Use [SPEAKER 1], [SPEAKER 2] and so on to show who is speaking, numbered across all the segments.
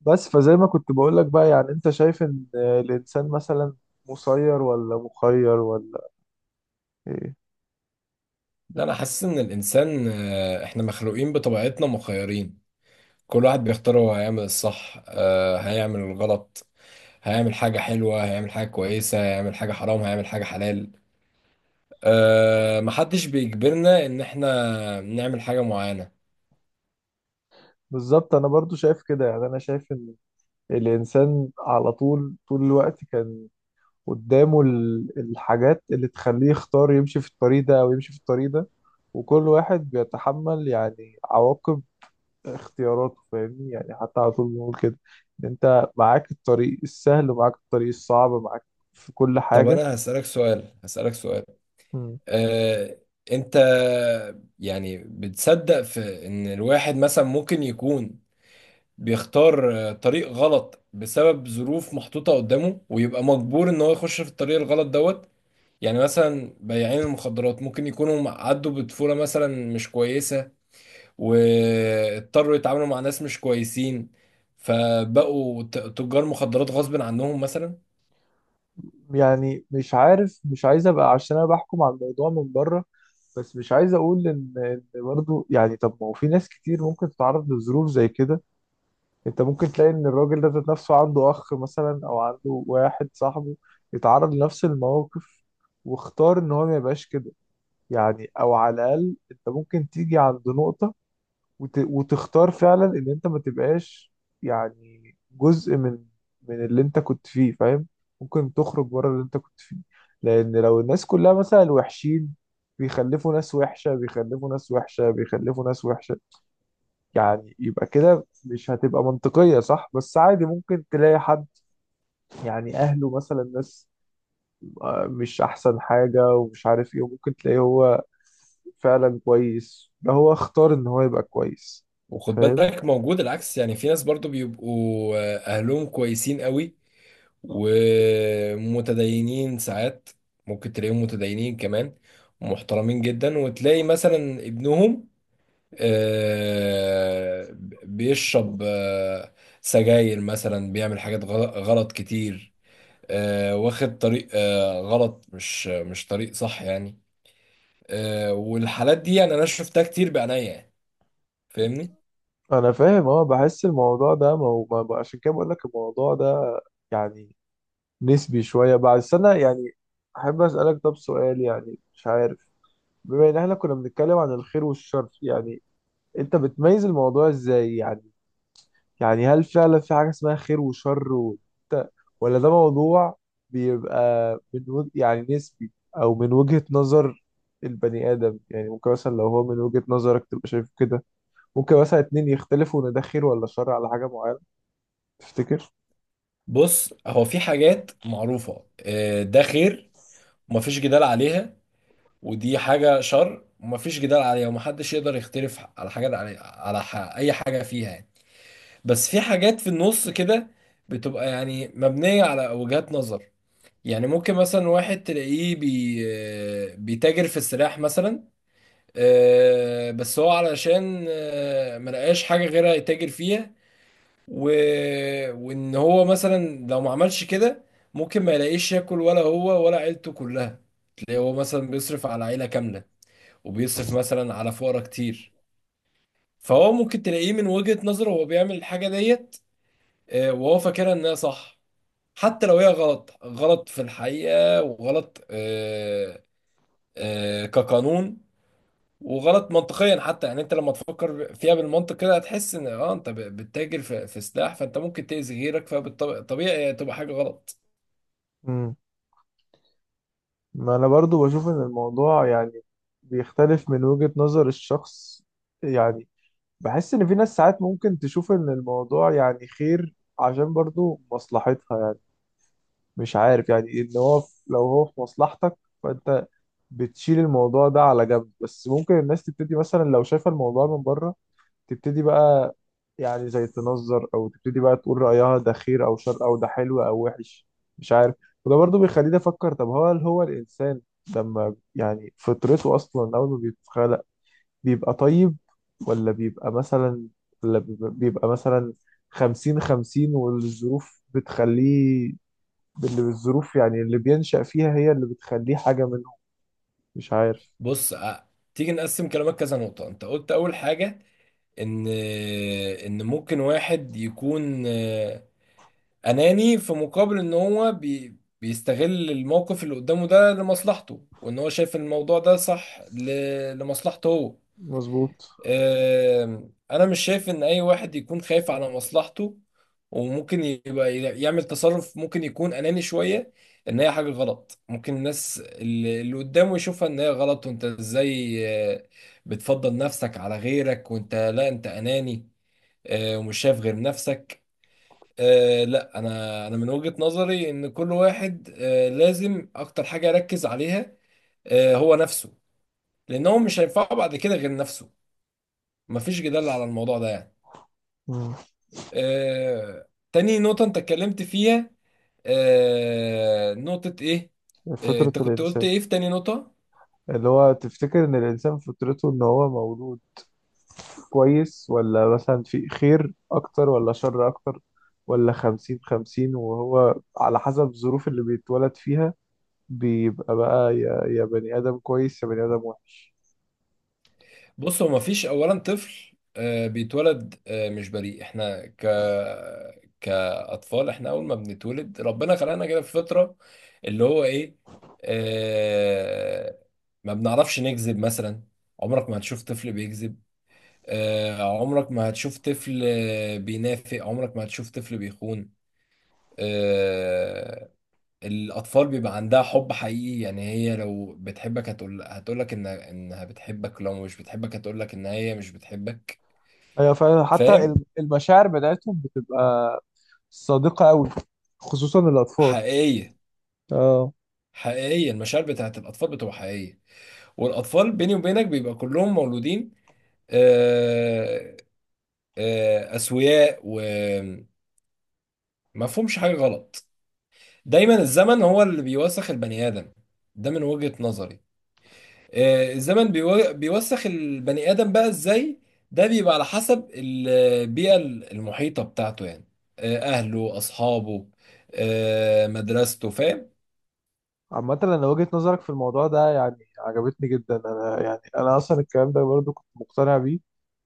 [SPEAKER 1] بس فزي ما كنت بقول لك بقى، يعني انت شايف ان الانسان مثلا مسير ولا مخير، ولا ايه؟
[SPEAKER 2] لا، انا حاسس ان الانسان احنا مخلوقين بطبيعتنا مخيرين. كل واحد بيختار هو هيعمل الصح، هيعمل الغلط، هيعمل حاجة حلوة، هيعمل حاجة كويسة، هيعمل حاجة حرام، هيعمل حاجة حلال. محدش بيجبرنا ان احنا نعمل حاجة معينة.
[SPEAKER 1] بالظبط، انا برضو شايف كده. يعني انا شايف ان الانسان على طول الوقت كان قدامه الحاجات اللي تخليه يختار يمشي في الطريق ده او يمشي في الطريق ده، وكل واحد بيتحمل يعني عواقب اختياراته. فاهمني؟ يعني حتى على طول بنقول كده، ان انت معاك الطريق السهل ومعاك الطريق الصعب، معاك في كل
[SPEAKER 2] طب
[SPEAKER 1] حاجة.
[SPEAKER 2] انا هسألك سؤال، آه، انت يعني بتصدق في ان الواحد مثلا ممكن يكون بيختار طريق غلط بسبب ظروف محطوطة قدامه، ويبقى مجبور ان هو يخش في الطريق الغلط دوت؟ يعني مثلا بياعين المخدرات ممكن يكونوا عدوا بطفولة مثلا مش كويسة، واضطروا يتعاملوا مع ناس مش كويسين، فبقوا تجار مخدرات غصب عنهم مثلا.
[SPEAKER 1] يعني مش عارف، مش عايز ابقى عشان انا بحكم على الموضوع من بره، بس مش عايز اقول ان برضه، يعني طب ما هو في ناس كتير ممكن تتعرض لظروف زي كده. انت ممكن تلاقي ان الراجل ده ذات نفسه عنده اخ مثلا او عنده واحد صاحبه يتعرض لنفس المواقف، واختار ان هو ما يبقاش كده. يعني او على الاقل انت ممكن تيجي عند نقطة، وتختار فعلا ان انت ما تبقاش يعني جزء من اللي انت كنت فيه. فاهم؟ ممكن تخرج بره اللي انت كنت فيه. لان لو الناس كلها مثلا وحشين، بيخلفوا ناس وحشة، بيخلفوا ناس وحشة، بيخلفوا ناس وحشة، يعني يبقى كده مش هتبقى منطقية، صح؟ بس عادي ممكن تلاقي حد، يعني أهله مثلا ناس مش أحسن حاجة ومش عارف إيه، وممكن تلاقيه هو فعلا كويس، ده هو اختار إن هو يبقى كويس.
[SPEAKER 2] وخد
[SPEAKER 1] فاهم؟
[SPEAKER 2] بالك موجود العكس، يعني في ناس برضو بيبقوا اهلهم كويسين قوي ومتدينين ساعات، ممكن تلاقيهم متدينين كمان ومحترمين جدا، وتلاقي مثلا ابنهم آه، بيشرب سجاير مثلا، بيعمل حاجات غلط كتير، واخد طريق غلط، مش طريق صح يعني. والحالات دي يعني انا شفتها كتير بعينيا يعني. فاهمني؟
[SPEAKER 1] انا فاهم، اه، بحس الموضوع ده ما هو عشان كده بقول لك الموضوع ده يعني نسبي شويه بعد سنه. يعني احب اسالك طب سؤال، يعني مش عارف، بما ان احنا كنا بنتكلم عن الخير والشر، يعني انت بتميز الموضوع ازاي؟ يعني هل فعلا في حاجه اسمها خير وشر وانت، ولا ده موضوع بيبقى يعني نسبي، او من وجهه نظر البني ادم؟ يعني ممكن مثلا لو هو من وجهه نظرك تبقى شايف كده، ممكن مثلا اتنين يختلفوا ان ده خير ولا شر على حاجه معينه. تفتكر؟
[SPEAKER 2] بص، هو في حاجات معروفة، ده خير ومفيش جدال عليها، ودي حاجة شر ومفيش جدال عليها، ومحدش يقدر يختلف على حاجة، أي حاجة فيها يعني. بس في حاجات في النص كده بتبقى يعني مبنية على وجهات نظر. يعني ممكن مثلا واحد تلاقيه بيتاجر في السلاح مثلا، بس هو علشان ملقاش حاجة غيرها يتاجر فيها، و... وإن هو مثلا لو ما عملش كده ممكن ما يلاقيش ياكل، ولا هو ولا عيلته كلها. تلاقيه هو مثلا بيصرف على عيلة كاملة، وبيصرف مثلا على فقرا كتير. فهو ممكن تلاقيه من وجهة نظره هو بيعمل الحاجة ديت، وهو فاكرها انها صح. حتى لو هي غلط، غلط في الحقيقة، وغلط كقانون، وغلط منطقيا حتى. يعني انت لما تفكر فيها بالمنطق كده هتحس ان انت بتتاجر في سلاح، فانت ممكن تأذي غيرك، فطبيعي تبقى حاجة غلط.
[SPEAKER 1] امم ما انا برضو بشوف ان الموضوع يعني بيختلف من وجهة نظر الشخص. يعني بحس ان في ناس ساعات ممكن تشوف ان الموضوع يعني خير عشان برضو مصلحتها، يعني مش عارف، يعني ان هو لو هو في مصلحتك، فانت بتشيل الموضوع ده على جنب. بس ممكن الناس تبتدي مثلا لو شايفة الموضوع من بره تبتدي بقى، يعني زي تنظر، او تبتدي بقى تقول رأيها ده خير او شر، او ده حلو او وحش، مش عارف. وده برضو بيخليني افكر، طب هو هل هو الانسان لما يعني فطرته اصلا اول ما بيتخلق بيبقى طيب، ولا بيبقى مثلا، ولا بيبقى مثلا خمسين خمسين والظروف بتخليه، اللي بالظروف يعني اللي بينشأ فيها هي اللي بتخليه حاجة منهم. مش عارف.
[SPEAKER 2] بص، تيجي نقسم كلامك كذا نقطة. انت قلت اول حاجة ان ممكن واحد يكون اناني، في مقابل ان هو بيستغل الموقف اللي قدامه ده لمصلحته، وان هو شايف ان الموضوع ده صح لمصلحته هو.
[SPEAKER 1] مظبوط.
[SPEAKER 2] انا مش شايف ان اي واحد يكون خايف على مصلحته وممكن يبقى يعمل تصرف ممكن يكون اناني شوية، ان هي حاجة غلط، ممكن الناس اللي قدامه يشوفها ان هي غلط. وانت ازاي آه، بتفضل نفسك على غيرك؟ وانت لا، انت اناني ومش شايف غير نفسك. لا، انا من وجهة نظري ان كل واحد لازم اكتر حاجة يركز عليها هو نفسه، لان هو مش هينفعه بعد كده غير نفسه. مفيش جدال على الموضوع ده يعني.
[SPEAKER 1] مم.
[SPEAKER 2] تاني نقطة انت اتكلمت فيها، نقطة ايه؟
[SPEAKER 1] فطرة
[SPEAKER 2] انت كنت قلت
[SPEAKER 1] الإنسان،
[SPEAKER 2] ايه في تاني نقطة؟
[SPEAKER 1] اللي هو تفتكر ان الانسان فطرته ان هو مولود كويس، ولا مثلا في خير اكتر ولا شر اكتر، ولا خمسين خمسين وهو على حسب الظروف اللي بيتولد فيها بيبقى بقى يا بني ادم كويس يا بني ادم وحش؟
[SPEAKER 2] بص، هو مفيش اولا طفل بيتولد مش بريء. احنا كاطفال، احنا اول ما بنتولد ربنا خلقنا كده في فطره، اللي هو ايه؟ آه، ما بنعرفش نكذب مثلا. عمرك ما هتشوف طفل بيكذب، عمرك ما هتشوف طفل بينافق، عمرك ما هتشوف طفل بيخون. آه، الأطفال بيبقى عندها حب حقيقي. يعني هي لو بتحبك هتقول، هتقولك إنها بتحبك، لو مش بتحبك هتقولك إن هي مش بتحبك.
[SPEAKER 1] ايوه فعلا، حتى
[SPEAKER 2] فاهم؟
[SPEAKER 1] المشاعر بتاعتهم بتبقى صادقة قوي، خصوصا الاطفال.
[SPEAKER 2] حقيقية،
[SPEAKER 1] اه.
[SPEAKER 2] حقيقية. المشاعر بتاعت الأطفال بتبقى حقيقية، والأطفال بيني وبينك بيبقى كلهم مولودين آه، أسوياء، ومفهومش حاجة غلط. دايما الزمن هو اللي بيوسخ البني آدم، ده من وجهة نظري. الزمن بيوسخ البني آدم بقى ازاي؟ ده بيبقى على حسب البيئة المحيطة بتاعته يعني، أهله، أصحابه، مدرسته. فاهم؟
[SPEAKER 1] عامة وجهة نظرك في الموضوع ده يعني عجبتني جدا. يعني أنا أصلا الكلام ده برضو كنت مقتنع بيه،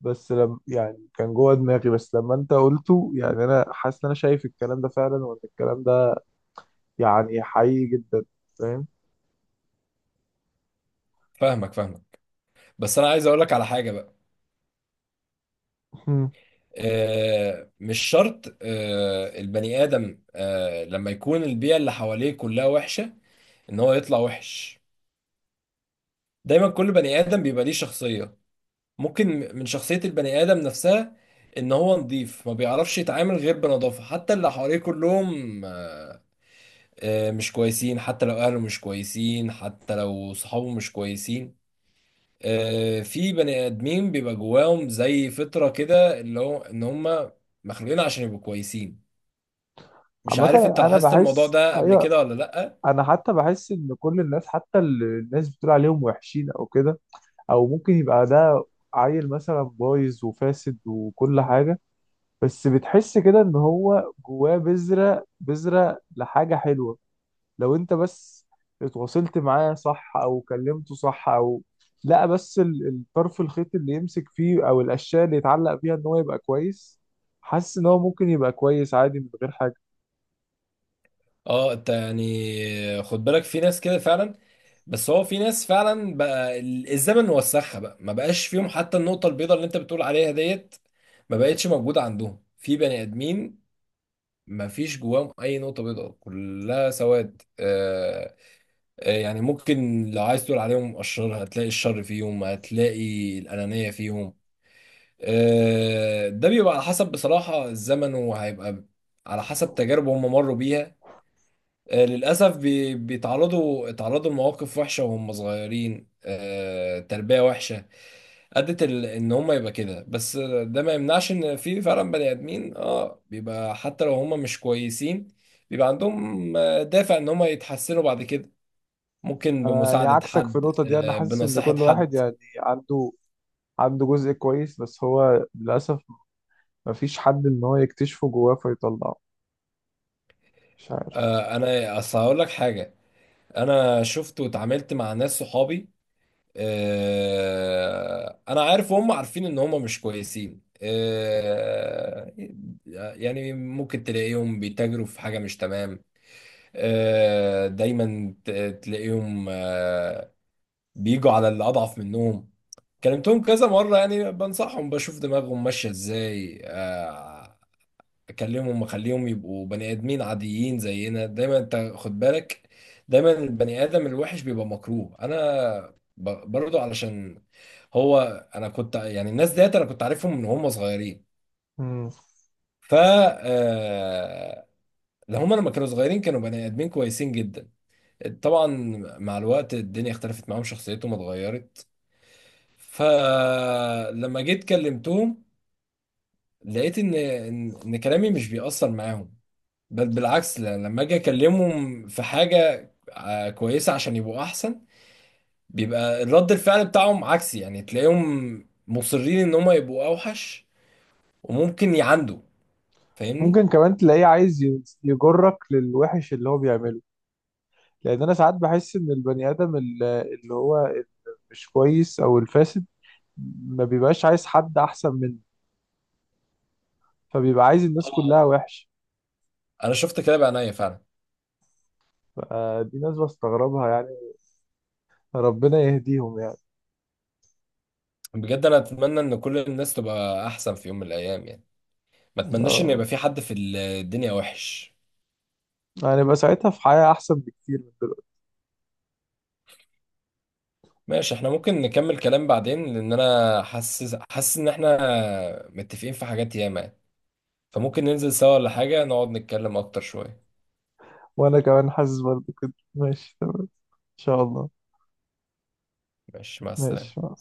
[SPEAKER 1] بس لم يعني كان جوه دماغي، بس لما أنت قلته يعني أنا حاسس إن أنا شايف الكلام ده فعلا، وإن الكلام ده يعني حقيقي جدا. فاهم؟
[SPEAKER 2] فاهمك، فاهمك. بس أنا عايز أقولك على حاجة بقى.
[SPEAKER 1] مم.
[SPEAKER 2] مش شرط البني آدم لما يكون البيئة اللي حواليه كلها وحشة إن هو يطلع وحش. دايما كل بني آدم بيبقى ليه شخصية، ممكن من شخصية البني آدم نفسها إن هو نضيف، ما بيعرفش يتعامل غير بنظافة، حتى اللي حواليه كلهم مش كويسين، حتى لو أهله مش كويسين، حتى لو صحابه مش كويسين. في بني آدمين بيبقى جواهم زي فطرة كده، اللي هو إن هم مخلوقين عشان يبقوا كويسين. مش
[SPEAKER 1] عامة
[SPEAKER 2] عارف أنت
[SPEAKER 1] أنا
[SPEAKER 2] لاحظت الموضوع
[SPEAKER 1] بحس
[SPEAKER 2] ده قبل
[SPEAKER 1] أيوه،
[SPEAKER 2] كده ولا لأ؟
[SPEAKER 1] أنا حتى بحس إن كل الناس، حتى اللي الناس بتقول عليهم وحشين أو كده، أو ممكن يبقى ده عيل مثلا بايظ وفاسد وكل حاجة، بس بتحس كده ان هو جواه بذرة لحاجة حلوة، لو انت بس اتواصلت معاه صح او كلمته صح، او لا بس الطرف الخيط اللي يمسك فيه، او الاشياء اللي يتعلق فيها ان هو يبقى كويس. حاسس ان هو ممكن يبقى كويس عادي من غير حاجة.
[SPEAKER 2] اه، انت يعني خد بالك في ناس كده فعلا. بس هو في ناس فعلا بقى الزمن وسخها بقى، ما بقاش فيهم حتى النقطة البيضاء اللي انت بتقول عليها ديت، ما بقتش موجودة عندهم. في بني ادمين ما فيش جواهم اي نقطة بيضاء، كلها سواد. يعني ممكن لو عايز تقول عليهم اشرار، هتلاقي الشر فيهم، هتلاقي الانانية فيهم. ده بيبقى على حسب بصراحة الزمن، وهيبقى على حسب تجارب هم مروا بيها. للأسف بي- بيتعرضوا اتعرضوا لمواقف وحشة وهم صغيرين، تربية وحشة أدت إن هم يبقى كده. بس ده ما يمنعش إن في فعلا بني آدمين بيبقى حتى لو هم مش كويسين، بيبقى عندهم دافع إن هم يتحسنوا بعد كده، ممكن
[SPEAKER 1] انا يعني
[SPEAKER 2] بمساعدة
[SPEAKER 1] عكسك في
[SPEAKER 2] حد،
[SPEAKER 1] النقطة دي، انا حاسس ان
[SPEAKER 2] بنصيحة
[SPEAKER 1] كل واحد
[SPEAKER 2] حد.
[SPEAKER 1] يعني عنده جزء كويس، بس هو للأسف مفيش حد ان هو يكتشفه جواه فيطلعه. مش عارف.
[SPEAKER 2] أنا أصل هقول لك حاجة. أنا شفت واتعاملت مع ناس صحابي، انا عارف وهم عارفين ان هم مش كويسين، يعني ممكن تلاقيهم بيتاجروا في حاجة مش تمام. دايما تلاقيهم بيجوا على اللي اضعف منهم. كلمتهم كذا مرة يعني، بنصحهم، بشوف دماغهم ماشية ازاي، اكلمهم واخليهم يبقوا بني ادمين عاديين زينا. دايما انت خد بالك، دايما البني ادم الوحش بيبقى مكروه. انا برضو علشان هو، انا كنت يعني، الناس ديت انا كنت عارفهم من هم صغيرين.
[SPEAKER 1] مم.
[SPEAKER 2] ف آه، ده هم لما كانوا صغيرين كانوا بني ادمين كويسين جدا. طبعا مع الوقت الدنيا اختلفت معاهم، شخصيتهم اتغيرت. فلما جيت كلمتهم لقيت ان ان إن كلامي مش بيأثر معاهم. بل بالعكس، لما اجي اكلمهم في حاجه كويسه عشان يبقوا احسن، بيبقى رد الفعل بتاعهم عكسي. يعني تلاقيهم مصرين ان هم يبقوا اوحش، وممكن يعندوا. فاهمني؟
[SPEAKER 1] ممكن كمان تلاقيه عايز يجرك للوحش اللي هو بيعمله. لان انا ساعات بحس ان البني ادم اللي هو مش كويس او الفاسد ما بيبقاش عايز حد احسن منه، فبيبقى عايز الناس
[SPEAKER 2] اه،
[SPEAKER 1] كلها وحش.
[SPEAKER 2] انا شفت كده بعينيا فعلا.
[SPEAKER 1] فدي ناس بستغربها يعني، ربنا يهديهم يعني.
[SPEAKER 2] بجد انا اتمنى ان كل الناس تبقى احسن في يوم من الايام يعني، ما اتمناش ان
[SPEAKER 1] اه،
[SPEAKER 2] يبقى في حد في الدنيا وحش.
[SPEAKER 1] هنبقى ساعتها في حياة احسن بكتير من دلوقتي.
[SPEAKER 2] ماشي، احنا ممكن نكمل كلام بعدين، لان انا حاسس ان احنا متفقين في حاجات ياما يعني. فممكن ننزل سوا، ولا حاجه نقعد نتكلم اكتر شويه؟
[SPEAKER 1] وانا كمان حاسس برضه كده. ماشي، تمام، ان شاء الله.
[SPEAKER 2] ماشي، مع
[SPEAKER 1] ماشي
[SPEAKER 2] السلامة.
[SPEAKER 1] مع